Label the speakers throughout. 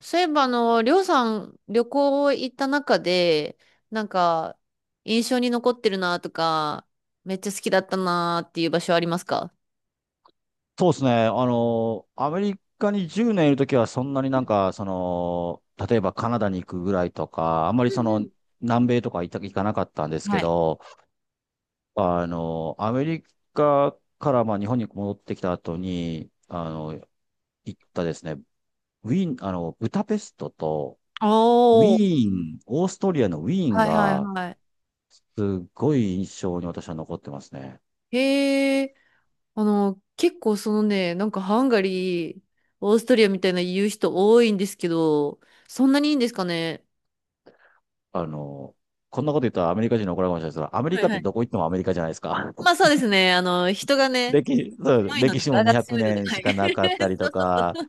Speaker 1: そういえば、りょうさん、旅行行った中で、なんか、印象に残ってるなとか、めっちゃ好きだったなっていう場所ありますか？
Speaker 2: そうですね。アメリカに10年いるときは、そんなになんか、例えばカナダに行くぐらいとか、あんまり南米とか行かなかったんです
Speaker 1: は
Speaker 2: け
Speaker 1: い。
Speaker 2: ど、アメリカからまあ日本に戻ってきた後に、行ったですね、ウィーン、ブダペストと、ウィ
Speaker 1: おー。
Speaker 2: ーン、オーストリアのウィーン
Speaker 1: はいはい
Speaker 2: が、
Speaker 1: はい。
Speaker 2: すっごい印象に私は残ってますね。
Speaker 1: へえ、結構そのね、なんかハンガリー、オーストリアみたいな言う人多いんですけど、そんなにいいんですかね？
Speaker 2: あの、こんなこと言ったらアメリカ人に怒られるかもしれないですけど、アメリ
Speaker 1: は
Speaker 2: カ
Speaker 1: い
Speaker 2: っ
Speaker 1: は
Speaker 2: てど
Speaker 1: い。
Speaker 2: こ行ってもアメリカじゃないですか。
Speaker 1: まあそうですね、人がね、
Speaker 2: 歴、そう
Speaker 1: 強いの
Speaker 2: 歴
Speaker 1: で、
Speaker 2: 史も
Speaker 1: 柄が
Speaker 2: 200
Speaker 1: 強いので、
Speaker 2: 年
Speaker 1: は
Speaker 2: し
Speaker 1: い。
Speaker 2: かなかったり
Speaker 1: そ
Speaker 2: と
Speaker 1: うそう
Speaker 2: か、
Speaker 1: そう。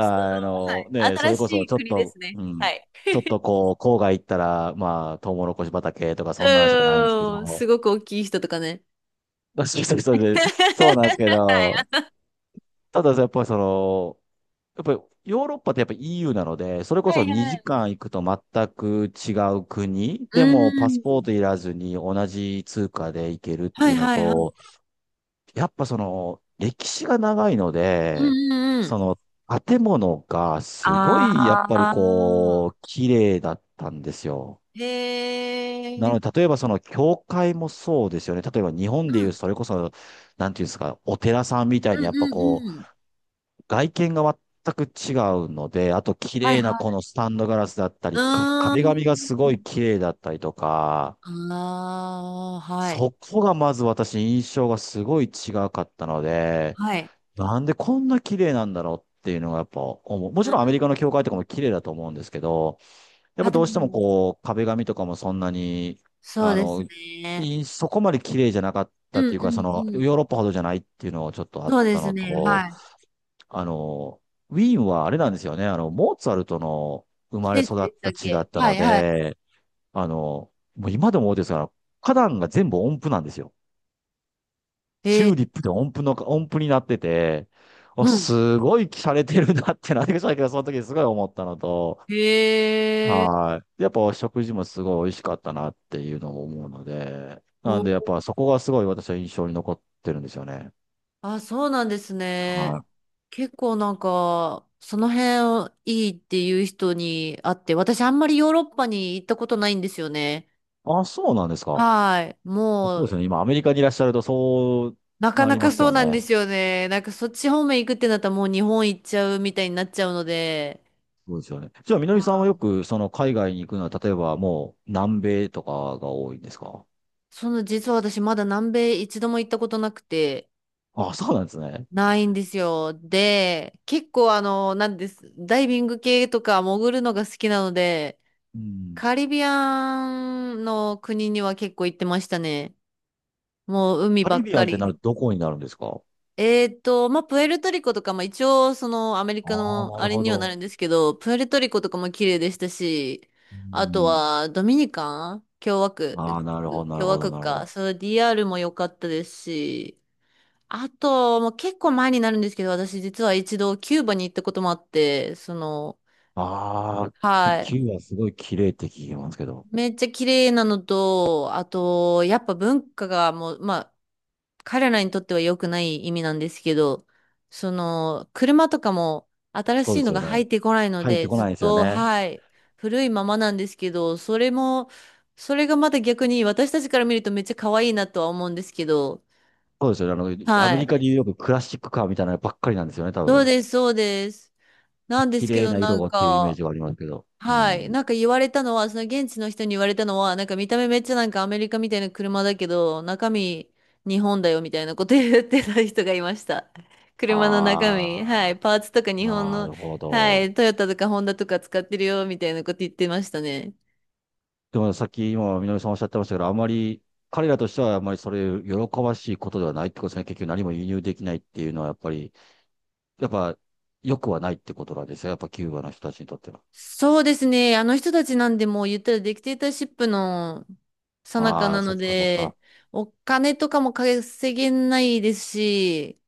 Speaker 1: その、はい。
Speaker 2: ね、そ
Speaker 1: 新
Speaker 2: れ
Speaker 1: し
Speaker 2: こそ
Speaker 1: い
Speaker 2: ちょっ
Speaker 1: 国です
Speaker 2: と、
Speaker 1: ね。
Speaker 2: う
Speaker 1: は
Speaker 2: ん、
Speaker 1: い。
Speaker 2: ちょっと こう、郊外行ったら、まあ、トウモロコシ畑とか
Speaker 1: う
Speaker 2: そんなんしかないんですけ
Speaker 1: ーん、
Speaker 2: ど、
Speaker 1: すごく大きい人とかね。
Speaker 2: そうそうそう、そうなんです けど、ただやっぱりやっぱりヨーロッパってやっぱ EU なので、それこ
Speaker 1: は
Speaker 2: そ
Speaker 1: いは
Speaker 2: 2
Speaker 1: い。
Speaker 2: 時間行くと全く違う国
Speaker 1: う
Speaker 2: でも
Speaker 1: ー
Speaker 2: パスポー
Speaker 1: ん。
Speaker 2: トいらずに同じ通貨で行けるって
Speaker 1: は
Speaker 2: い
Speaker 1: い
Speaker 2: うの
Speaker 1: はいはい。う
Speaker 2: と、やっぱ歴史が長いので、
Speaker 1: んうんうん。
Speaker 2: その、建物が
Speaker 1: あ
Speaker 2: すごい、やっぱりこう、
Speaker 1: あ。
Speaker 2: 綺麗だったんですよ。
Speaker 1: へ
Speaker 2: な
Speaker 1: え。
Speaker 2: ので、例えば教会もそうですよね。例えば日本
Speaker 1: う
Speaker 2: でいう、
Speaker 1: ん。
Speaker 2: それこそ、なんていうんですか、お寺さんみたい
Speaker 1: う
Speaker 2: に、
Speaker 1: んう
Speaker 2: やっぱ
Speaker 1: ん
Speaker 2: こ
Speaker 1: うん。
Speaker 2: う、外見が全く違うので、あと、綺
Speaker 1: はい
Speaker 2: 麗な
Speaker 1: は
Speaker 2: こ
Speaker 1: い。
Speaker 2: のスタンドガラスだったり、
Speaker 1: うー
Speaker 2: 壁紙がすごい
Speaker 1: ん。
Speaker 2: 綺麗だったりとか、
Speaker 1: ああ、はい。
Speaker 2: そこがまず私、印象がすごい違かったので、
Speaker 1: はい。
Speaker 2: なんでこんな綺麗なんだろうっていうのがやっぱ思う。も
Speaker 1: う
Speaker 2: ちろんアメ
Speaker 1: ん。
Speaker 2: リカの教会とかも綺麗だと思うんですけど、やっ
Speaker 1: あ、
Speaker 2: ぱ
Speaker 1: で
Speaker 2: どうしても
Speaker 1: も、
Speaker 2: こう、壁紙とかもそんなに、
Speaker 1: そう
Speaker 2: あ
Speaker 1: です
Speaker 2: の、
Speaker 1: ね。
Speaker 2: そこまで綺麗じゃなかっ
Speaker 1: う
Speaker 2: たっ
Speaker 1: ん
Speaker 2: て
Speaker 1: う
Speaker 2: い
Speaker 1: ん
Speaker 2: うか、その、
Speaker 1: うん。
Speaker 2: ヨーロッパほどじゃないっていうのがちょっとあっ
Speaker 1: そうで
Speaker 2: た
Speaker 1: す
Speaker 2: の
Speaker 1: ね、
Speaker 2: と、
Speaker 1: はい。
Speaker 2: あの、ウィーンはあれなんですよね、モーツァルトの生まれ
Speaker 1: 聖地
Speaker 2: 育
Speaker 1: で
Speaker 2: っ
Speaker 1: した
Speaker 2: た
Speaker 1: っ
Speaker 2: 地だ
Speaker 1: け？
Speaker 2: った
Speaker 1: は
Speaker 2: の
Speaker 1: いはい。
Speaker 2: で、あの、もう今でも思うんですが、花壇が全部音符なんですよ。チ
Speaker 1: え
Speaker 2: ュ
Speaker 1: ー、
Speaker 2: ーリップで音符になってて、お
Speaker 1: うん。
Speaker 2: すごい洒落てるなってなってきたけど、その時すごい思ったのと、
Speaker 1: へえ、
Speaker 2: はい。やっぱ食事もすごい美味しかったなっていうのも思うので、なんでやっ
Speaker 1: お、
Speaker 2: ぱそこがすごい私は印象に残ってるんですよね。
Speaker 1: あ、そうなんですね。
Speaker 2: はい。
Speaker 1: 結構なんか、その辺をいいっていう人に会って、私あんまりヨーロッパに行ったことないんですよね。
Speaker 2: あ、そうなんですか。
Speaker 1: はい。
Speaker 2: そ
Speaker 1: も
Speaker 2: うですよ
Speaker 1: う、
Speaker 2: ね。今アメリカにいらっしゃるとそう
Speaker 1: なか
Speaker 2: な
Speaker 1: な
Speaker 2: りま
Speaker 1: か
Speaker 2: す
Speaker 1: そう
Speaker 2: よ
Speaker 1: なん
Speaker 2: ね。
Speaker 1: ですよね。なんかそっち方面行くってなったらもう日本行っちゃうみたいになっちゃうので、
Speaker 2: そうですよね。じゃあ、みの
Speaker 1: あ
Speaker 2: りさんはよ
Speaker 1: ー、
Speaker 2: くその海外に行くのは、例えばもう南米とかが多いんですか？
Speaker 1: その実は私まだ南米一度も行ったことなくて、
Speaker 2: あ、そうなんですね。
Speaker 1: ないんですよ。で、結構なんです、ダイビング系とか潜るのが好きなので、
Speaker 2: うん。
Speaker 1: カリビアンの国には結構行ってましたね。もう海
Speaker 2: カ
Speaker 1: ば
Speaker 2: リ
Speaker 1: っ
Speaker 2: ビアン
Speaker 1: か
Speaker 2: って
Speaker 1: り。
Speaker 2: なるとどこになるんですか？
Speaker 1: えーと、まあ、プエルトリコとか、まあ、一応そのアメリ
Speaker 2: あ
Speaker 1: カ
Speaker 2: あー、
Speaker 1: の
Speaker 2: な
Speaker 1: あ
Speaker 2: る
Speaker 1: れ
Speaker 2: ほ
Speaker 1: にはな
Speaker 2: ど。
Speaker 1: るんですけど、プエルトリコとかも綺麗でしたし、
Speaker 2: う
Speaker 1: あと
Speaker 2: ん。
Speaker 1: はドミニカン共和国、
Speaker 2: ああ、なるほど、なる
Speaker 1: 共和
Speaker 2: ほど、
Speaker 1: 国
Speaker 2: なるほ
Speaker 1: か、
Speaker 2: ど。
Speaker 1: そう、DR も良かったですし、あと、もう結構前になるんですけど、私実は一度キューバに行ったこともあって、
Speaker 2: ああ、
Speaker 1: はい。
Speaker 2: キューバすごい綺麗って聞きますけど。
Speaker 1: めっちゃ綺麗なのと、あと、やっぱ文化がもう、まあ、彼らにとっては良くない意味なんですけど、車とかも新
Speaker 2: そう
Speaker 1: し
Speaker 2: で
Speaker 1: い
Speaker 2: す
Speaker 1: の
Speaker 2: よ
Speaker 1: が入
Speaker 2: ね。
Speaker 1: ってこないの
Speaker 2: 入って
Speaker 1: で、
Speaker 2: こ
Speaker 1: ずっ
Speaker 2: ないですよ
Speaker 1: と、
Speaker 2: ね。
Speaker 1: はい、古いままなんですけど、それも、それがまた逆に私たちから見るとめっちゃ可愛いなとは思うんですけど、
Speaker 2: そうですよね。アメ
Speaker 1: は
Speaker 2: リカで
Speaker 1: い。
Speaker 2: いうよくクラシックカーみたいなのばっかりなんですよね、多
Speaker 1: そう
Speaker 2: 分。
Speaker 1: です、そうです。なんで
Speaker 2: 綺
Speaker 1: すけ
Speaker 2: 麗
Speaker 1: ど、
Speaker 2: な
Speaker 1: な
Speaker 2: 色
Speaker 1: ん
Speaker 2: がっていうイメー
Speaker 1: か、
Speaker 2: ジがありますけど。う
Speaker 1: はい。
Speaker 2: ん。
Speaker 1: なんか言われたのは、その現地の人に言われたのは、なんか見た目めっちゃなんかアメリカみたいな車だけど、中身日本だよみたいなこと言ってた人がいました。車の中身、はい。
Speaker 2: ああ、
Speaker 1: パーツとか日本
Speaker 2: な
Speaker 1: の、
Speaker 2: るほ
Speaker 1: は
Speaker 2: ど。
Speaker 1: い。トヨタとかホンダとか使ってるよみたいなこと言ってましたね。
Speaker 2: でもさっき今、みのりさんおっしゃってましたけど、あまり、彼らとしてはあまりそれ喜ばしいことではないってことですね。結局何も輸入できないっていうのはやっぱり。やっぱ、良くはないってことなんですよ。やっぱキューバの人たちにとっては。
Speaker 1: そうですね。あの人たちなんでもう言ったらディクテーターシップの最中
Speaker 2: あ
Speaker 1: な
Speaker 2: あ、そ
Speaker 1: の
Speaker 2: っかそっ
Speaker 1: で、
Speaker 2: か。
Speaker 1: お金とかも稼げないですし、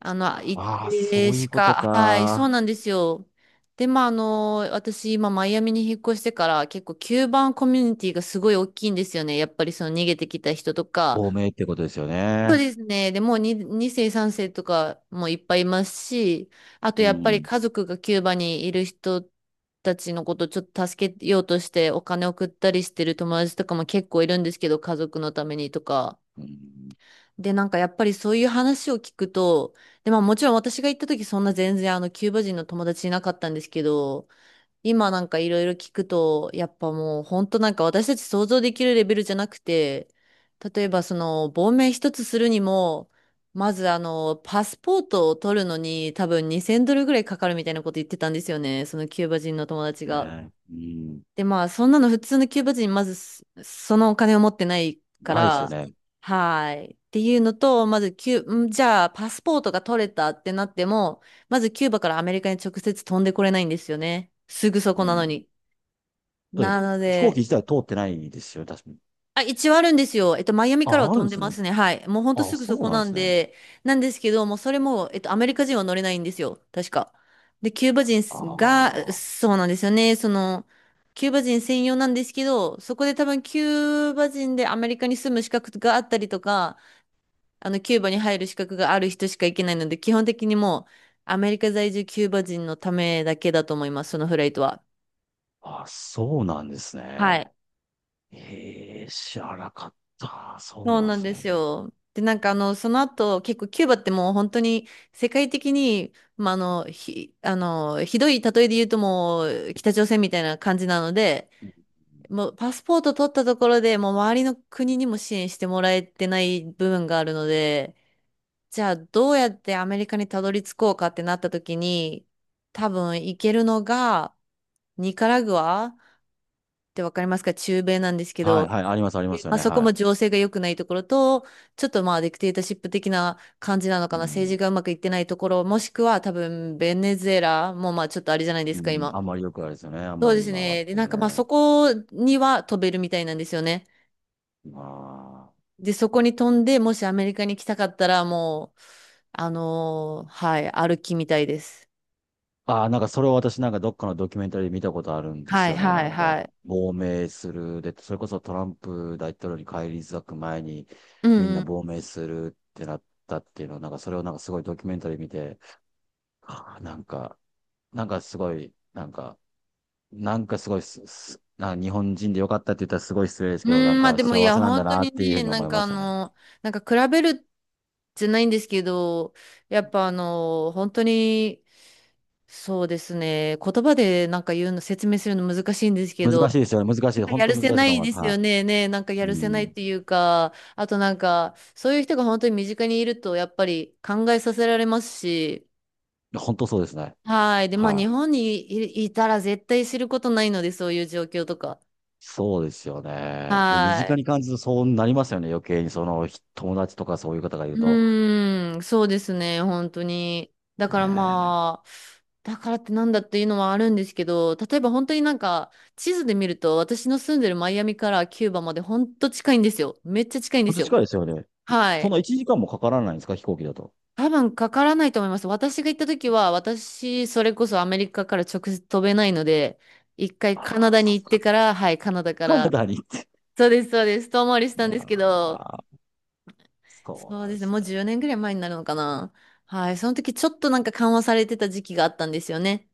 Speaker 1: 一
Speaker 2: ああ、そ
Speaker 1: 定
Speaker 2: うい
Speaker 1: し
Speaker 2: うこと
Speaker 1: か、はい、そう
Speaker 2: か。
Speaker 1: なんですよ。で、まあ、私、今、マイアミに引っ越してから、結構、キューバンコミュニティがすごい大きいんですよね。やっぱり、その、逃げてきた人とか。
Speaker 2: 亡命ってことですよ
Speaker 1: そう
Speaker 2: ね。
Speaker 1: ですね。で、もう2世、3世とかもいっぱいいますし、あと、
Speaker 2: う
Speaker 1: やっぱり、
Speaker 2: ん。
Speaker 1: 家族がキューバにいる人たちのことをちょっと助けようとして、お金送ったりしてる友達とかも結構いるんですけど、家族のためにとか。
Speaker 2: うん。
Speaker 1: で、なんかやっぱりそういう話を聞くと、で、まあもちろん私が行った時そんな全然あのキューバ人の友達いなかったんですけど、今なんかいろいろ聞くと、やっぱもう本当なんか私たち想像できるレベルじゃなくて、例えばその亡命一つするにも、まずパスポートを取るのに多分2000ドルぐらいかかるみたいなこと言ってたんですよね、そのキューバ人の友達が。
Speaker 2: ね、うん。
Speaker 1: で、まあ、そんなの普通のキューバ人、まずそ、そのお金を持ってないか
Speaker 2: ないですよ
Speaker 1: ら、
Speaker 2: ね。
Speaker 1: はーい。っていうのと、まずキュー、んじゃあ、パスポートが取れたってなっても、まずキューバからアメリカに直接飛んでこれないんですよね。すぐそ
Speaker 2: う
Speaker 1: こなの
Speaker 2: ん。
Speaker 1: に。
Speaker 2: だって
Speaker 1: なの
Speaker 2: 飛行機
Speaker 1: で、
Speaker 2: 自体通ってないですよね、確かに。
Speaker 1: あ、一応あるんですよ。えっと、マイアミ
Speaker 2: あ
Speaker 1: からは
Speaker 2: あ、ある
Speaker 1: 飛
Speaker 2: ん
Speaker 1: ん
Speaker 2: で
Speaker 1: で
Speaker 2: す
Speaker 1: ま
Speaker 2: ね。
Speaker 1: すね。はい。もうほんと
Speaker 2: あ、
Speaker 1: すぐ
Speaker 2: そ
Speaker 1: そ
Speaker 2: う
Speaker 1: こ
Speaker 2: なん
Speaker 1: な
Speaker 2: で
Speaker 1: ん
Speaker 2: すね。
Speaker 1: で、なんですけど、もうそれも、えっと、アメリカ人は乗れないんですよ。確か。で、キューバ人
Speaker 2: あ
Speaker 1: が、そうなんですよね。キューバ人専用なんですけど、そこで多分キューバ人でアメリカに住む資格があったりとか、キューバに入る資格がある人しか行けないので、基本的にもう、アメリカ在住キューバ人のためだけだと思います、そのフライトは。
Speaker 2: あ、ああ、そうなんです
Speaker 1: は
Speaker 2: ね。
Speaker 1: い。
Speaker 2: ええ、知らなかった。そう
Speaker 1: そう
Speaker 2: なん
Speaker 1: な
Speaker 2: で
Speaker 1: ん
Speaker 2: す
Speaker 1: です
Speaker 2: ね。
Speaker 1: よ。で、なんかあの、その後、結構キューバってもう本当に世界的に、まあ、あの、ひ、あの、ひどい例えで言うともう北朝鮮みたいな感じなので、
Speaker 2: うん、
Speaker 1: もうパスポート取ったところでもう周りの国にも支援してもらえてない部分があるので、じゃあどうやってアメリカにたどり着こうかってなった時に、多分行けるのがニカラグアってわかりますか？中米なんですけ
Speaker 2: はい、
Speaker 1: ど、
Speaker 2: はい、あります、ありますよ
Speaker 1: まあ、
Speaker 2: ね。
Speaker 1: そこも
Speaker 2: は
Speaker 1: 情勢が良くないところと、ちょっとまあディクテータシップ的な感じなの
Speaker 2: い。う
Speaker 1: かな、政
Speaker 2: ん
Speaker 1: 治がうまくいってないところ、もしくは多分ベネズエラもまあちょっとあれじゃないです
Speaker 2: う
Speaker 1: か、
Speaker 2: ん、
Speaker 1: 今。
Speaker 2: あんまりよくあれですよね。あん
Speaker 1: そう
Speaker 2: ま
Speaker 1: で
Speaker 2: り
Speaker 1: す
Speaker 2: 今は
Speaker 1: ね。
Speaker 2: そ
Speaker 1: で、
Speaker 2: こ
Speaker 1: な
Speaker 2: も
Speaker 1: んか
Speaker 2: ね。
Speaker 1: まあそこには飛べるみたいなんですよね。
Speaker 2: ま
Speaker 1: で、そこに飛んで、もしアメリカに来たかったらもう、はい、歩きみたいです。
Speaker 2: あ。ああ、なんかそれを私なんかどっかのドキュメンタリーで見たことあるんで
Speaker 1: は
Speaker 2: す
Speaker 1: い
Speaker 2: よね。
Speaker 1: は
Speaker 2: な
Speaker 1: い
Speaker 2: ん
Speaker 1: は
Speaker 2: か、
Speaker 1: い。
Speaker 2: 亡命する。で、それこそトランプ大統領に返り咲く前に
Speaker 1: うん
Speaker 2: みん
Speaker 1: う
Speaker 2: な
Speaker 1: ん。
Speaker 2: 亡命するってなったっていうのを、なんかそれをなんかすごいドキュメンタリー見て、ああ、なんか、なんかすごい、なんか、なんかすごいす、すなんか日本人でよかったって言ったらすごい失礼ですけど、な
Speaker 1: う
Speaker 2: ん
Speaker 1: ん、まあ
Speaker 2: か
Speaker 1: でもい
Speaker 2: 幸
Speaker 1: や、
Speaker 2: せなんだ
Speaker 1: 本当
Speaker 2: なっ
Speaker 1: に
Speaker 2: ていうふう
Speaker 1: ね、
Speaker 2: に
Speaker 1: な
Speaker 2: 思
Speaker 1: ん
Speaker 2: い
Speaker 1: か
Speaker 2: ま
Speaker 1: あ
Speaker 2: したね。
Speaker 1: の、なんか比べるじゃないんですけど、やっぱあの、本当に、そうですね、言葉でなんか言うの、説明するの難しいんですけ
Speaker 2: 難
Speaker 1: ど、
Speaker 2: しいですよね。難しい。
Speaker 1: なんか
Speaker 2: 本
Speaker 1: やる
Speaker 2: 当難し
Speaker 1: せ
Speaker 2: い
Speaker 1: な
Speaker 2: と
Speaker 1: い
Speaker 2: 思いま
Speaker 1: で
Speaker 2: す。
Speaker 1: すよ
Speaker 2: は
Speaker 1: ね、ね、なんかや
Speaker 2: い。
Speaker 1: る
Speaker 2: う
Speaker 1: せない
Speaker 2: ん、
Speaker 1: っていうか、あとなんか、そういう人が本当に身近にいると、やっぱり考えさせられますし、
Speaker 2: 本当そうですね。
Speaker 1: はい。で、まあ
Speaker 2: は
Speaker 1: 日
Speaker 2: い。
Speaker 1: 本にいたら絶対知ることないので、そういう状況とか。
Speaker 2: そうですよね。で、身
Speaker 1: は
Speaker 2: 近
Speaker 1: い。
Speaker 2: に感じるとそうなりますよね。余計にその友達とかそういう方がいる
Speaker 1: う
Speaker 2: と。
Speaker 1: ーん、そうですね、本当に。
Speaker 2: え
Speaker 1: だから
Speaker 2: ー、
Speaker 1: まあ、だからってなんだっていうのはあるんですけど、例えば本当になんか、地図で見ると、私の住んでるマイアミからキューバまで本当近いんですよ。めっちゃ近いんで
Speaker 2: 本
Speaker 1: す
Speaker 2: 当
Speaker 1: よ。
Speaker 2: 近いですよね。
Speaker 1: は
Speaker 2: そん
Speaker 1: い。
Speaker 2: な1時間もかからないんですか飛行機だと。
Speaker 1: 多分かからないと思います。私が行った時は、私、それこそアメリカから直接飛べないので、一回カナ
Speaker 2: ああ、
Speaker 1: ダ
Speaker 2: そ
Speaker 1: に
Speaker 2: っ
Speaker 1: 行って
Speaker 2: か。
Speaker 1: から、はい、カナダか
Speaker 2: カナ
Speaker 1: ら、
Speaker 2: ダに行って。
Speaker 1: そうです、そうです、遠回りしたんです
Speaker 2: あ
Speaker 1: けど、
Speaker 2: あ、そ
Speaker 1: そ
Speaker 2: う
Speaker 1: う
Speaker 2: なん
Speaker 1: で
Speaker 2: で
Speaker 1: すね。
Speaker 2: す
Speaker 1: もう
Speaker 2: ね。
Speaker 1: 10年ぐらい前になるのかな。はい。その時ちょっとなんか緩和されてた時期があったんですよね。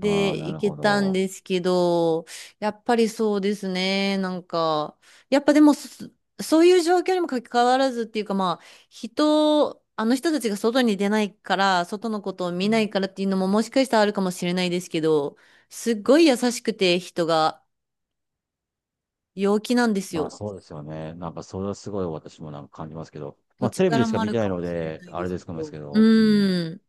Speaker 2: ああ、な
Speaker 1: 行
Speaker 2: る
Speaker 1: け
Speaker 2: ほ
Speaker 1: たん
Speaker 2: ど。
Speaker 1: ですけど、やっぱりそうですね。なんか、やっぱでもそ、そういう状況にもかかわらずっていうかまあ、人、あの人たちが外に出ないから、外のことを
Speaker 2: う
Speaker 1: 見な
Speaker 2: ん、
Speaker 1: いからっていうのももしかしたらあるかもしれないですけど、すっごい優しくて人が陽気なんです
Speaker 2: まあ
Speaker 1: よ。
Speaker 2: そうですよね。なんかそれはすごい私もなんか感じますけど。
Speaker 1: どっ
Speaker 2: まあテ
Speaker 1: ち
Speaker 2: レビ
Speaker 1: か
Speaker 2: で
Speaker 1: ら
Speaker 2: しか
Speaker 1: もあ
Speaker 2: 見
Speaker 1: る
Speaker 2: てない
Speaker 1: かも
Speaker 2: の
Speaker 1: しれ
Speaker 2: で、
Speaker 1: ない
Speaker 2: あ
Speaker 1: で
Speaker 2: れ
Speaker 1: す
Speaker 2: ですかも
Speaker 1: け
Speaker 2: で
Speaker 1: ど。
Speaker 2: す
Speaker 1: う
Speaker 2: けど。うん、
Speaker 1: ーん。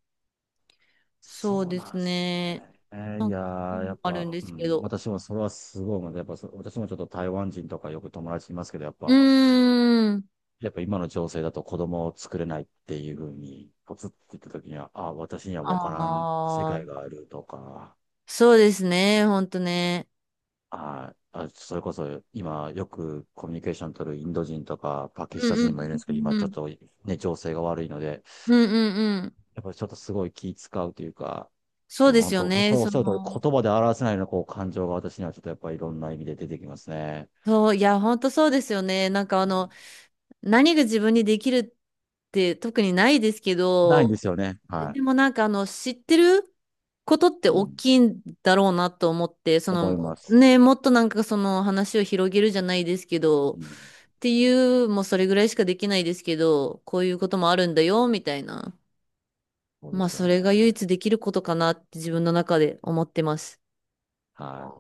Speaker 1: そう
Speaker 2: そう
Speaker 1: で
Speaker 2: なん
Speaker 1: す
Speaker 2: ですね。
Speaker 1: ね。
Speaker 2: えー
Speaker 1: な
Speaker 2: い
Speaker 1: ん
Speaker 2: や
Speaker 1: か、
Speaker 2: ー、やっ
Speaker 1: ある
Speaker 2: ぱ、
Speaker 1: んで
Speaker 2: う
Speaker 1: すけ
Speaker 2: ん、
Speaker 1: ど。
Speaker 2: 私もそれはすごい思う。やっぱそ、私もちょっと台湾人とかよく友達いますけど、やっ
Speaker 1: う
Speaker 2: ぱ、
Speaker 1: ーん。
Speaker 2: やっぱ今の情勢だと子供を作れないっていうふうに、ポツって言った時には、あ、私には分からん世
Speaker 1: あ
Speaker 2: 界
Speaker 1: あ、
Speaker 2: があるとか、
Speaker 1: そうですね。ほんとね。
Speaker 2: あ、あ、それこそ今よくコミュニケーション取るインド人とかパキス
Speaker 1: う
Speaker 2: タ
Speaker 1: ん
Speaker 2: ン
Speaker 1: う
Speaker 2: 人
Speaker 1: ん
Speaker 2: もいるんですけど、
Speaker 1: う
Speaker 2: 今
Speaker 1: ん
Speaker 2: ち
Speaker 1: う
Speaker 2: ょっ
Speaker 1: ん。
Speaker 2: とね、情勢が悪いので、
Speaker 1: うんうんうん。
Speaker 2: やっぱりちょっとすごい気使うというか、
Speaker 1: そう
Speaker 2: うん、
Speaker 1: です
Speaker 2: 本
Speaker 1: よ
Speaker 2: 当、
Speaker 1: ね。
Speaker 2: そうおっしゃる通り、言葉で表せないようなこう感情が私にはちょっとやっぱりいろんな意味で出てきますね。
Speaker 1: そう、いや、ほんとそうですよね。なんかあ
Speaker 2: う
Speaker 1: の、
Speaker 2: ん、
Speaker 1: 何が自分にできるって特にないですけ
Speaker 2: ないんで
Speaker 1: ど、
Speaker 2: すよね。は
Speaker 1: でもなんかあの、知ってることって
Speaker 2: い。う
Speaker 1: 大
Speaker 2: ん、
Speaker 1: きいんだろうなと思って、そ
Speaker 2: 思い
Speaker 1: の、
Speaker 2: ます。
Speaker 1: ね、もっとなんかその話を広げるじゃないですけど、っ
Speaker 2: うん、
Speaker 1: ていう、もうそれぐらいしかできないですけど、こういうこともあるんだよ、みたいな。
Speaker 2: そうで
Speaker 1: まあ、
Speaker 2: すよ
Speaker 1: そ
Speaker 2: ね。
Speaker 1: れが唯一できることかなって自分の中で思ってます。
Speaker 2: はい。